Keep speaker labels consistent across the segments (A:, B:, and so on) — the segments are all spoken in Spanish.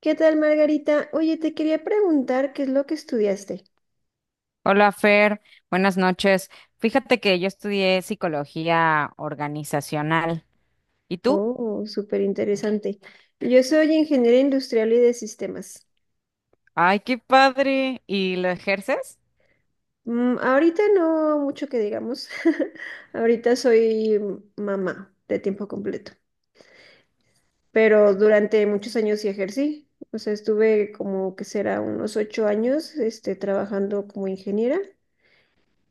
A: ¿Qué tal, Margarita? Oye, te quería preguntar qué es lo que estudiaste.
B: Hola Fer, buenas noches. Fíjate que yo estudié psicología organizacional. ¿Y tú?
A: Oh, súper interesante. Yo soy ingeniera industrial y de sistemas.
B: Ay, qué padre. ¿Y lo ejerces?
A: Ahorita no mucho que digamos. Ahorita soy mamá de tiempo completo, pero durante muchos años sí ejercí. O sea, estuve como que será unos ocho años, trabajando como ingeniera.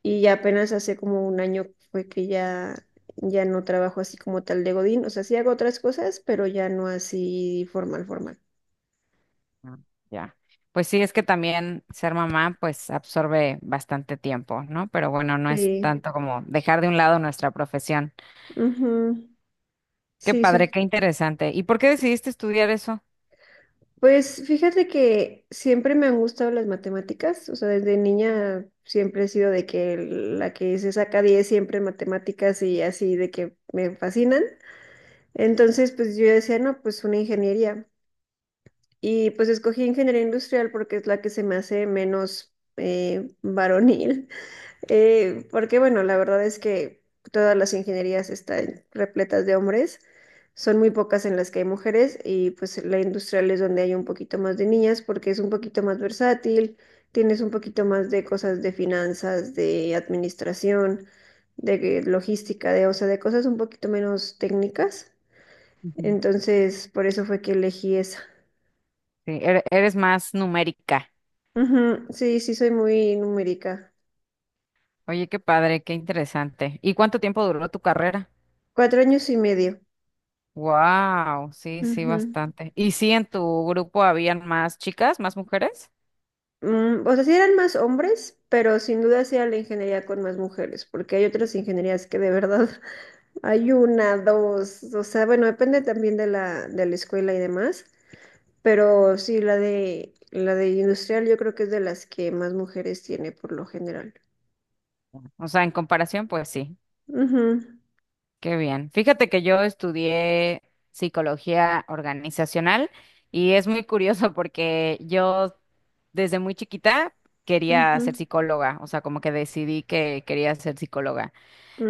A: Y ya apenas hace como un año fue que ya no trabajo así como tal de Godín. O sea, sí hago otras cosas, pero ya no así formal, formal.
B: Ah, ya. Pues sí, es que también ser mamá pues absorbe bastante tiempo, ¿no? Pero bueno, no es
A: Sí,
B: tanto como dejar de un lado nuestra profesión.
A: ujú,
B: Qué
A: sí,
B: padre,
A: soy.
B: qué interesante. ¿Y por qué decidiste estudiar eso?
A: Pues fíjate que siempre me han gustado las matemáticas. O sea, desde niña siempre he sido de que la que se saca 10 siempre en matemáticas y así de que me fascinan. Entonces, pues yo decía, no, pues una ingeniería. Y pues escogí ingeniería industrial porque es la que se me hace menos varonil. Porque bueno, la verdad es que todas las ingenierías están repletas de hombres. Son muy pocas en las que hay mujeres y pues la industrial es donde hay un poquito más de niñas porque es un poquito más versátil, tienes un poquito más de cosas de finanzas, de administración, de logística, o sea, de cosas un poquito menos técnicas.
B: Ujú.
A: Entonces, por eso fue que elegí esa.
B: Sí, eres más numérica.
A: Ujú, sí, sí, soy muy numérica.
B: Oye, qué padre, qué interesante. ¿Y cuánto tiempo duró tu carrera?
A: Cuatro años y medio.
B: Wow, sí, sí,
A: Ujú.
B: bastante. ¿Y sí en tu grupo habían más chicas, más mujeres?
A: O sea, sí eran más hombres, pero sin duda sí era la ingeniería con más mujeres, porque hay otras ingenierías que de verdad hay una, dos, o sea, bueno, depende también de la escuela y demás, pero sí, la de industrial yo creo que es de las que más mujeres tiene por lo general.
B: O sea, en comparación, pues sí,
A: Ujú,
B: qué bien. Fíjate que yo estudié psicología organizacional y es muy curioso porque yo desde muy chiquita quería
A: ujú,
B: ser psicóloga, o sea, como que decidí que quería ser psicóloga.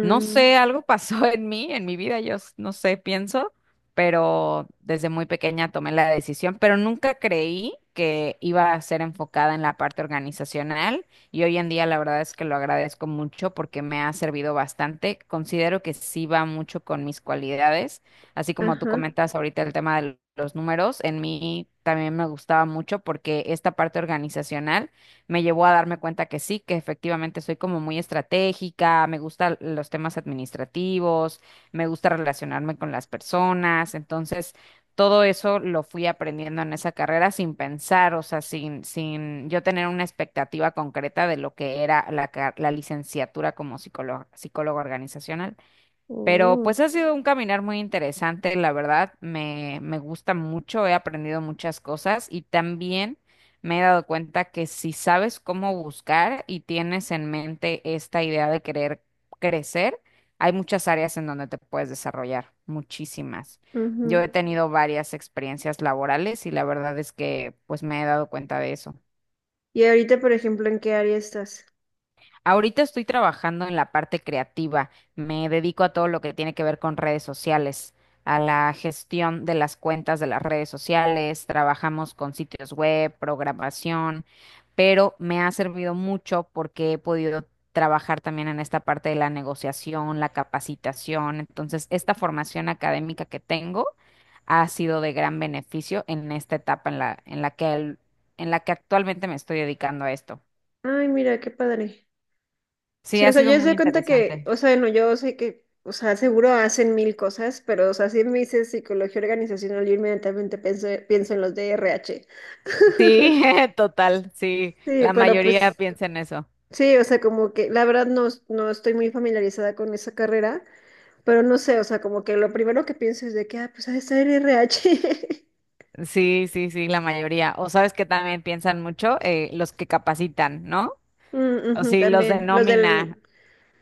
B: No sé, algo pasó en mí, en mi vida, no sé, pienso, pero desde muy pequeña tomé la decisión, pero nunca creí que iba a ser enfocada en la parte organizacional y hoy en día la verdad es que lo agradezco mucho porque me ha servido bastante. Considero que sí va mucho con mis cualidades, así como tú
A: ajá.
B: comentas ahorita el tema de los números, en mí también me gustaba mucho porque esta parte organizacional me llevó a darme cuenta que sí, que efectivamente soy como muy estratégica, me gustan los temas administrativos, me gusta relacionarme con las personas, entonces todo eso lo fui aprendiendo en esa carrera sin pensar, o sea, sin yo tener una expectativa concreta de lo que era la licenciatura como psicólogo, psicólogo organizacional. Pero
A: Oh,
B: pues ha sido un caminar muy interesante, la verdad, me gusta mucho, he aprendido muchas cosas y también me he dado cuenta que si sabes cómo buscar y tienes en mente esta idea de querer crecer, hay muchas áreas en donde te puedes desarrollar, muchísimas. Yo
A: ujú.
B: he tenido varias experiencias laborales y la verdad es que pues me he dado cuenta de eso.
A: Y ahorita, por ejemplo, ¿en qué área estás?
B: Ahorita estoy trabajando en la parte creativa. Me dedico a todo lo que tiene que ver con redes sociales, a la gestión de las cuentas de las redes sociales. Trabajamos con sitios web, programación, pero me ha servido mucho porque he podido trabajar también en esta parte de la negociación, la capacitación. Entonces, esta formación académica que tengo ha sido de gran beneficio en esta etapa en la que actualmente me estoy dedicando a esto.
A: Ay, mira, qué padre.
B: Sí,
A: Sí, o
B: ha
A: sea, yo
B: sido
A: se
B: muy
A: doy cuenta que,
B: interesante.
A: o sea, no, yo sé que, o sea, seguro hacen mil cosas, pero, o sea, si me dices psicología organizacional, yo inmediatamente pienso en los de RH.
B: Sí, total, sí,
A: Sí,
B: la
A: pero
B: mayoría
A: pues,
B: piensa en eso.
A: sí, o sea, como que, la verdad no estoy muy familiarizada con esa carrera, pero no sé, o sea, como que lo primero que pienso es de que, ah, pues ha de ser RH.
B: Sí, sí, sí, la mayoría. O sabes que también piensan mucho los que capacitan, ¿no?
A: Mm,
B: O
A: ujú,
B: sí, los
A: también,
B: denomina.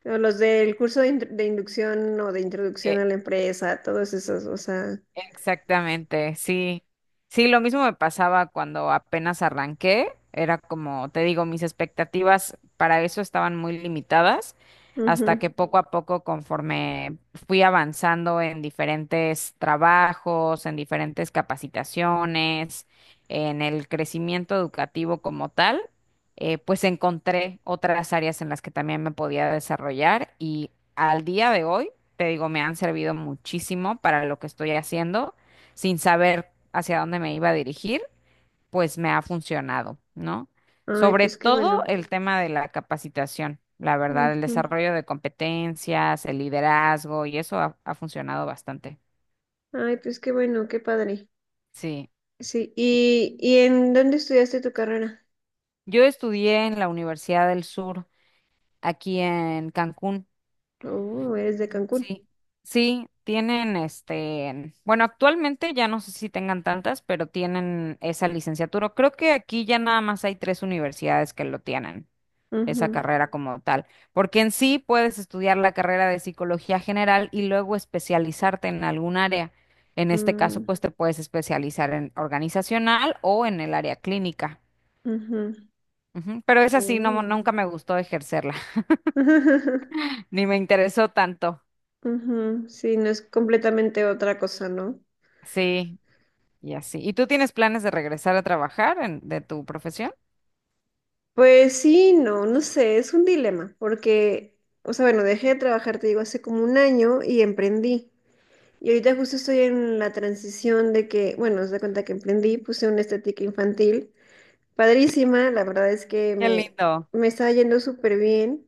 A: o los del curso de, de inducción o de introducción a la empresa, todos esos, o sea,
B: Exactamente, sí. Sí, lo mismo me pasaba cuando apenas arranqué. Era como, te digo, mis expectativas para eso estaban muy limitadas, hasta
A: ujú.
B: que poco a poco, conforme fui avanzando en diferentes trabajos, en diferentes capacitaciones, en el crecimiento educativo como tal, pues encontré otras áreas en las que también me podía desarrollar y al día de hoy te digo, me han servido muchísimo para lo que estoy haciendo, sin saber hacia dónde me iba a dirigir, pues me ha funcionado, ¿no?
A: Ay,
B: Sobre
A: pues qué
B: todo
A: bueno.
B: el tema de la capacitación, la verdad, el
A: Ujú.
B: desarrollo de competencias, el liderazgo, y eso ha funcionado bastante.
A: Ay, pues qué bueno, qué padre.
B: Sí.
A: Sí, y en dónde estudiaste tu carrera?
B: Yo estudié en la Universidad del Sur, aquí en Cancún.
A: Oh, eres de Cancún.
B: Sí, sí, tienen este, bueno, actualmente ya no sé si tengan tantas, pero tienen esa licenciatura. Creo que aquí ya nada más hay tres universidades que lo tienen, esa
A: Ujú.
B: carrera como tal, porque en sí puedes estudiar la carrera de psicología general y luego especializarte en algún área. En este caso,
A: Mm,
B: pues te puedes especializar en organizacional o en el área clínica.
A: ujú.
B: Ujú, pero esa sí, no,
A: Oh.
B: nunca me gustó ejercerla, ni me interesó tanto.
A: Ujú, sí, no es completamente otra cosa, ¿no?
B: Sí. Y así. ¿Y tú tienes planes de regresar a trabajar en, de tu profesión?
A: Pues sí, no, no sé, es un dilema, porque, o sea, bueno, dejé de trabajar, te digo, hace como un año y emprendí. Y ahorita justo estoy en la transición de que, bueno, os da cuenta que emprendí, puse una estética infantil padrísima, la verdad es que
B: Qué lindo.
A: me estaba yendo súper bien,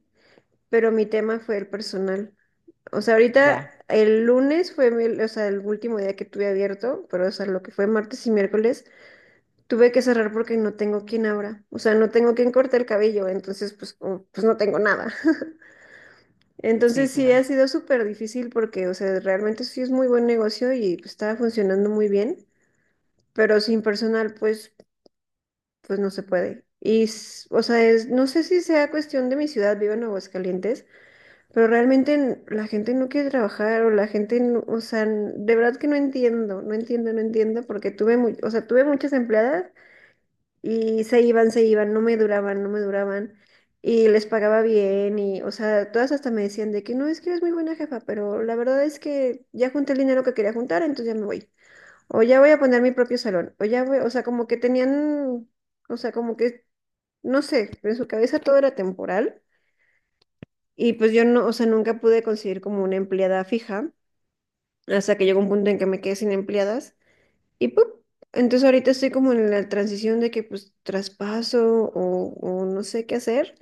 A: pero mi tema fue el personal. O sea, ahorita
B: Ya,
A: el lunes fue el último día que tuve abierto, pero o sea, lo que fue martes y miércoles, tuve que cerrar porque no tengo quien abra. O sea, no tengo quien corte el cabello, entonces pues, pues no tengo nada.
B: sí,
A: Entonces sí
B: claro.
A: ha sido súper difícil porque, o sea, realmente sí es muy buen negocio y pues, estaba funcionando muy bien, pero sin personal, pues no se puede. O sea, es, no sé si sea cuestión de mi ciudad, vivo en Aguascalientes, pero realmente la gente no quiere trabajar o la gente, de verdad que no entiendo, no entiendo, no entiendo, porque tuve, mu- o sea, tuve muchas empleadas y se iban, no me duraban, no me duraban y les pagaba bien y, o sea, todas hasta me decían de que no, es que eres muy buena jefa, pero la verdad es que ya junté el dinero que quería juntar, entonces ya me voy. O ya voy a poner mi propio salón. O ya voy, o sea, Como que tenían, o sea, como que, no sé, en su cabeza todo era temporal. Y pues yo no, o sea, nunca pude conseguir como una empleada fija, hasta que llegó un punto en que me quedé sin empleadas. Y pues, entonces ahorita estoy como en la transición de que pues o no sé qué hacer.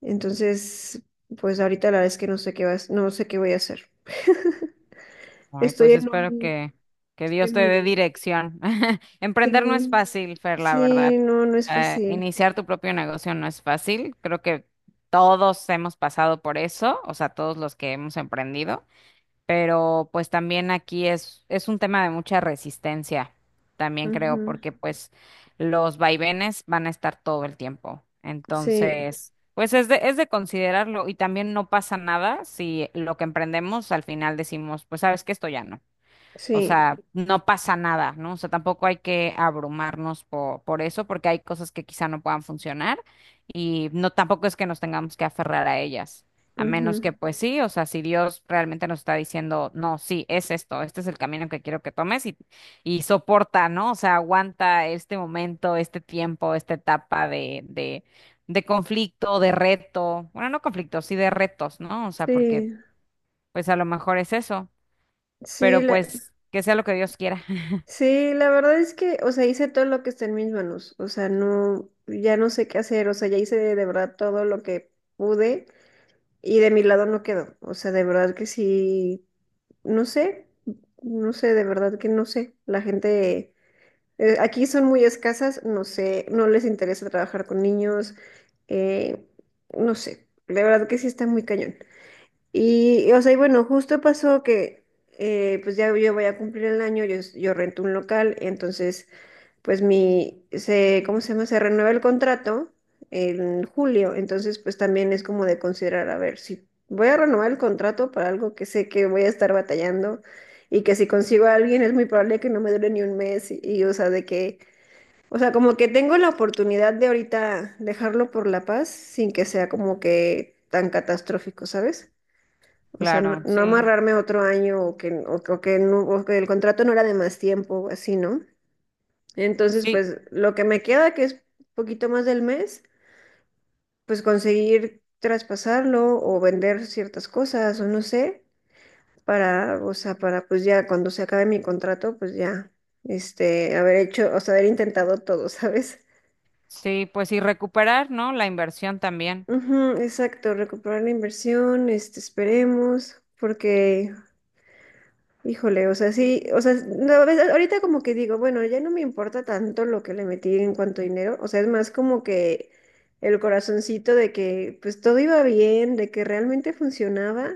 A: Entonces, pues ahorita la verdad es que no sé qué voy a hacer.
B: Ay,
A: Estoy
B: pues
A: en
B: espero
A: un,
B: que
A: Estoy
B: Dios
A: en
B: te
A: un
B: dé
A: limbo.
B: dirección. Emprender no es
A: Sí,
B: fácil, Fer, la
A: sí,
B: verdad.
A: no, no es fácil.
B: Iniciar tu propio negocio no es fácil. Creo que todos hemos pasado por eso, o sea, todos los que hemos emprendido. Pero pues también aquí es un tema de mucha resistencia, también creo,
A: Ujú,
B: porque pues los vaivenes van a estar todo el tiempo.
A: sí,
B: Entonces, pues es de considerarlo y también no pasa nada si lo que emprendemos al final decimos, pues sabes que esto ya no. O
A: sí,
B: sea, no pasa nada, ¿no? O sea, tampoco hay que abrumarnos por eso, porque hay cosas que quizá no puedan funcionar y no tampoco es que nos tengamos que aferrar a ellas, a menos que
A: ujú,
B: pues sí, o sea, si Dios realmente nos está diciendo, no, sí, es esto, este es el camino que quiero que tomes y soporta, ¿no? O sea, aguanta este momento, este tiempo, esta etapa de conflicto, de reto, bueno, no conflicto, sí de retos, ¿no? O sea, porque
A: sí,
B: pues a lo mejor es eso,
A: sí,
B: pero
A: la,
B: pues que sea lo que Dios quiera.
A: sí, la verdad es que, o sea, hice todo lo que está en mis manos, o sea, no, ya no sé qué hacer, o sea, ya hice de verdad todo lo que pude y de mi lado no quedó, o sea, de verdad que sí, no sé, no sé, de verdad que no sé, la gente, aquí son muy escasas, no sé, no les interesa trabajar con niños, eh, no sé, de verdad que sí está muy cañón. Y bueno, justo pasó que, pues ya yo voy a cumplir el año, yo rento un local, entonces, pues ¿cómo se llama? Se renueva el contrato en julio, entonces, pues también es como de considerar, a ver, si voy a renovar el contrato para algo que sé que voy a estar batallando y que si consigo a alguien es muy probable que no me dure ni un mes o sea, como que tengo la oportunidad de ahorita dejarlo por la paz sin que sea como que tan catastrófico, ¿sabes? O sea, no,
B: Claro,
A: no
B: sí,
A: amarrarme otro año o que, o que no, o que el contrato no era de más tiempo, así, ¿no? Entonces,
B: sí,
A: pues lo que me queda, que es poquito más del mes, pues conseguir traspasarlo o vender ciertas cosas o no sé, para, o sea, para pues ya cuando se acabe mi contrato, pues ya, haber hecho, o sea, haber intentado todo, ¿sabes?
B: sí, pues y recuperar, ¿no? La inversión también.
A: Ujú, exacto, recuperar la inversión, esperemos, porque híjole, o sea, sí, o sea, no, ahorita como que digo, bueno, ya no me importa tanto lo que le metí en cuanto a dinero, o sea, es más como que el corazoncito de que pues todo iba bien, de que realmente funcionaba,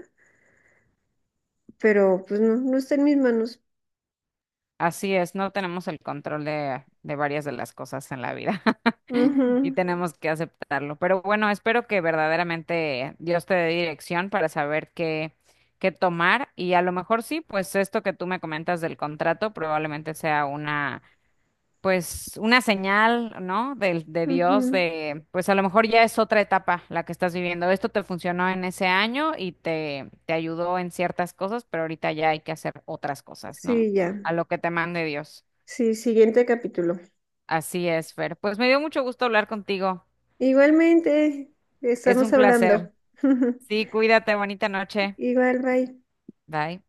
A: pero pues no, no está en mis manos.
B: Así es, no tenemos el control de varias de las cosas en la vida y
A: Ujú,
B: tenemos que aceptarlo. Pero bueno, espero que verdaderamente Dios te dé dirección para saber qué, qué tomar y a lo mejor sí, pues esto que tú me comentas del contrato probablemente sea una pues una señal, ¿no? Del De Dios,
A: ujú.
B: de, pues a lo mejor ya es otra etapa la que estás viviendo. Esto te funcionó en ese año y te ayudó en ciertas cosas, pero ahorita ya hay que hacer otras cosas, ¿no?
A: Sí, ya.
B: A lo que te mande Dios.
A: Sí, siguiente capítulo.
B: Así es, Fer. Pues me dio mucho gusto hablar contigo.
A: Igualmente,
B: Es
A: estamos
B: un placer.
A: hablando.
B: Sí, cuídate, bonita noche.
A: Igual, bye.
B: Bye.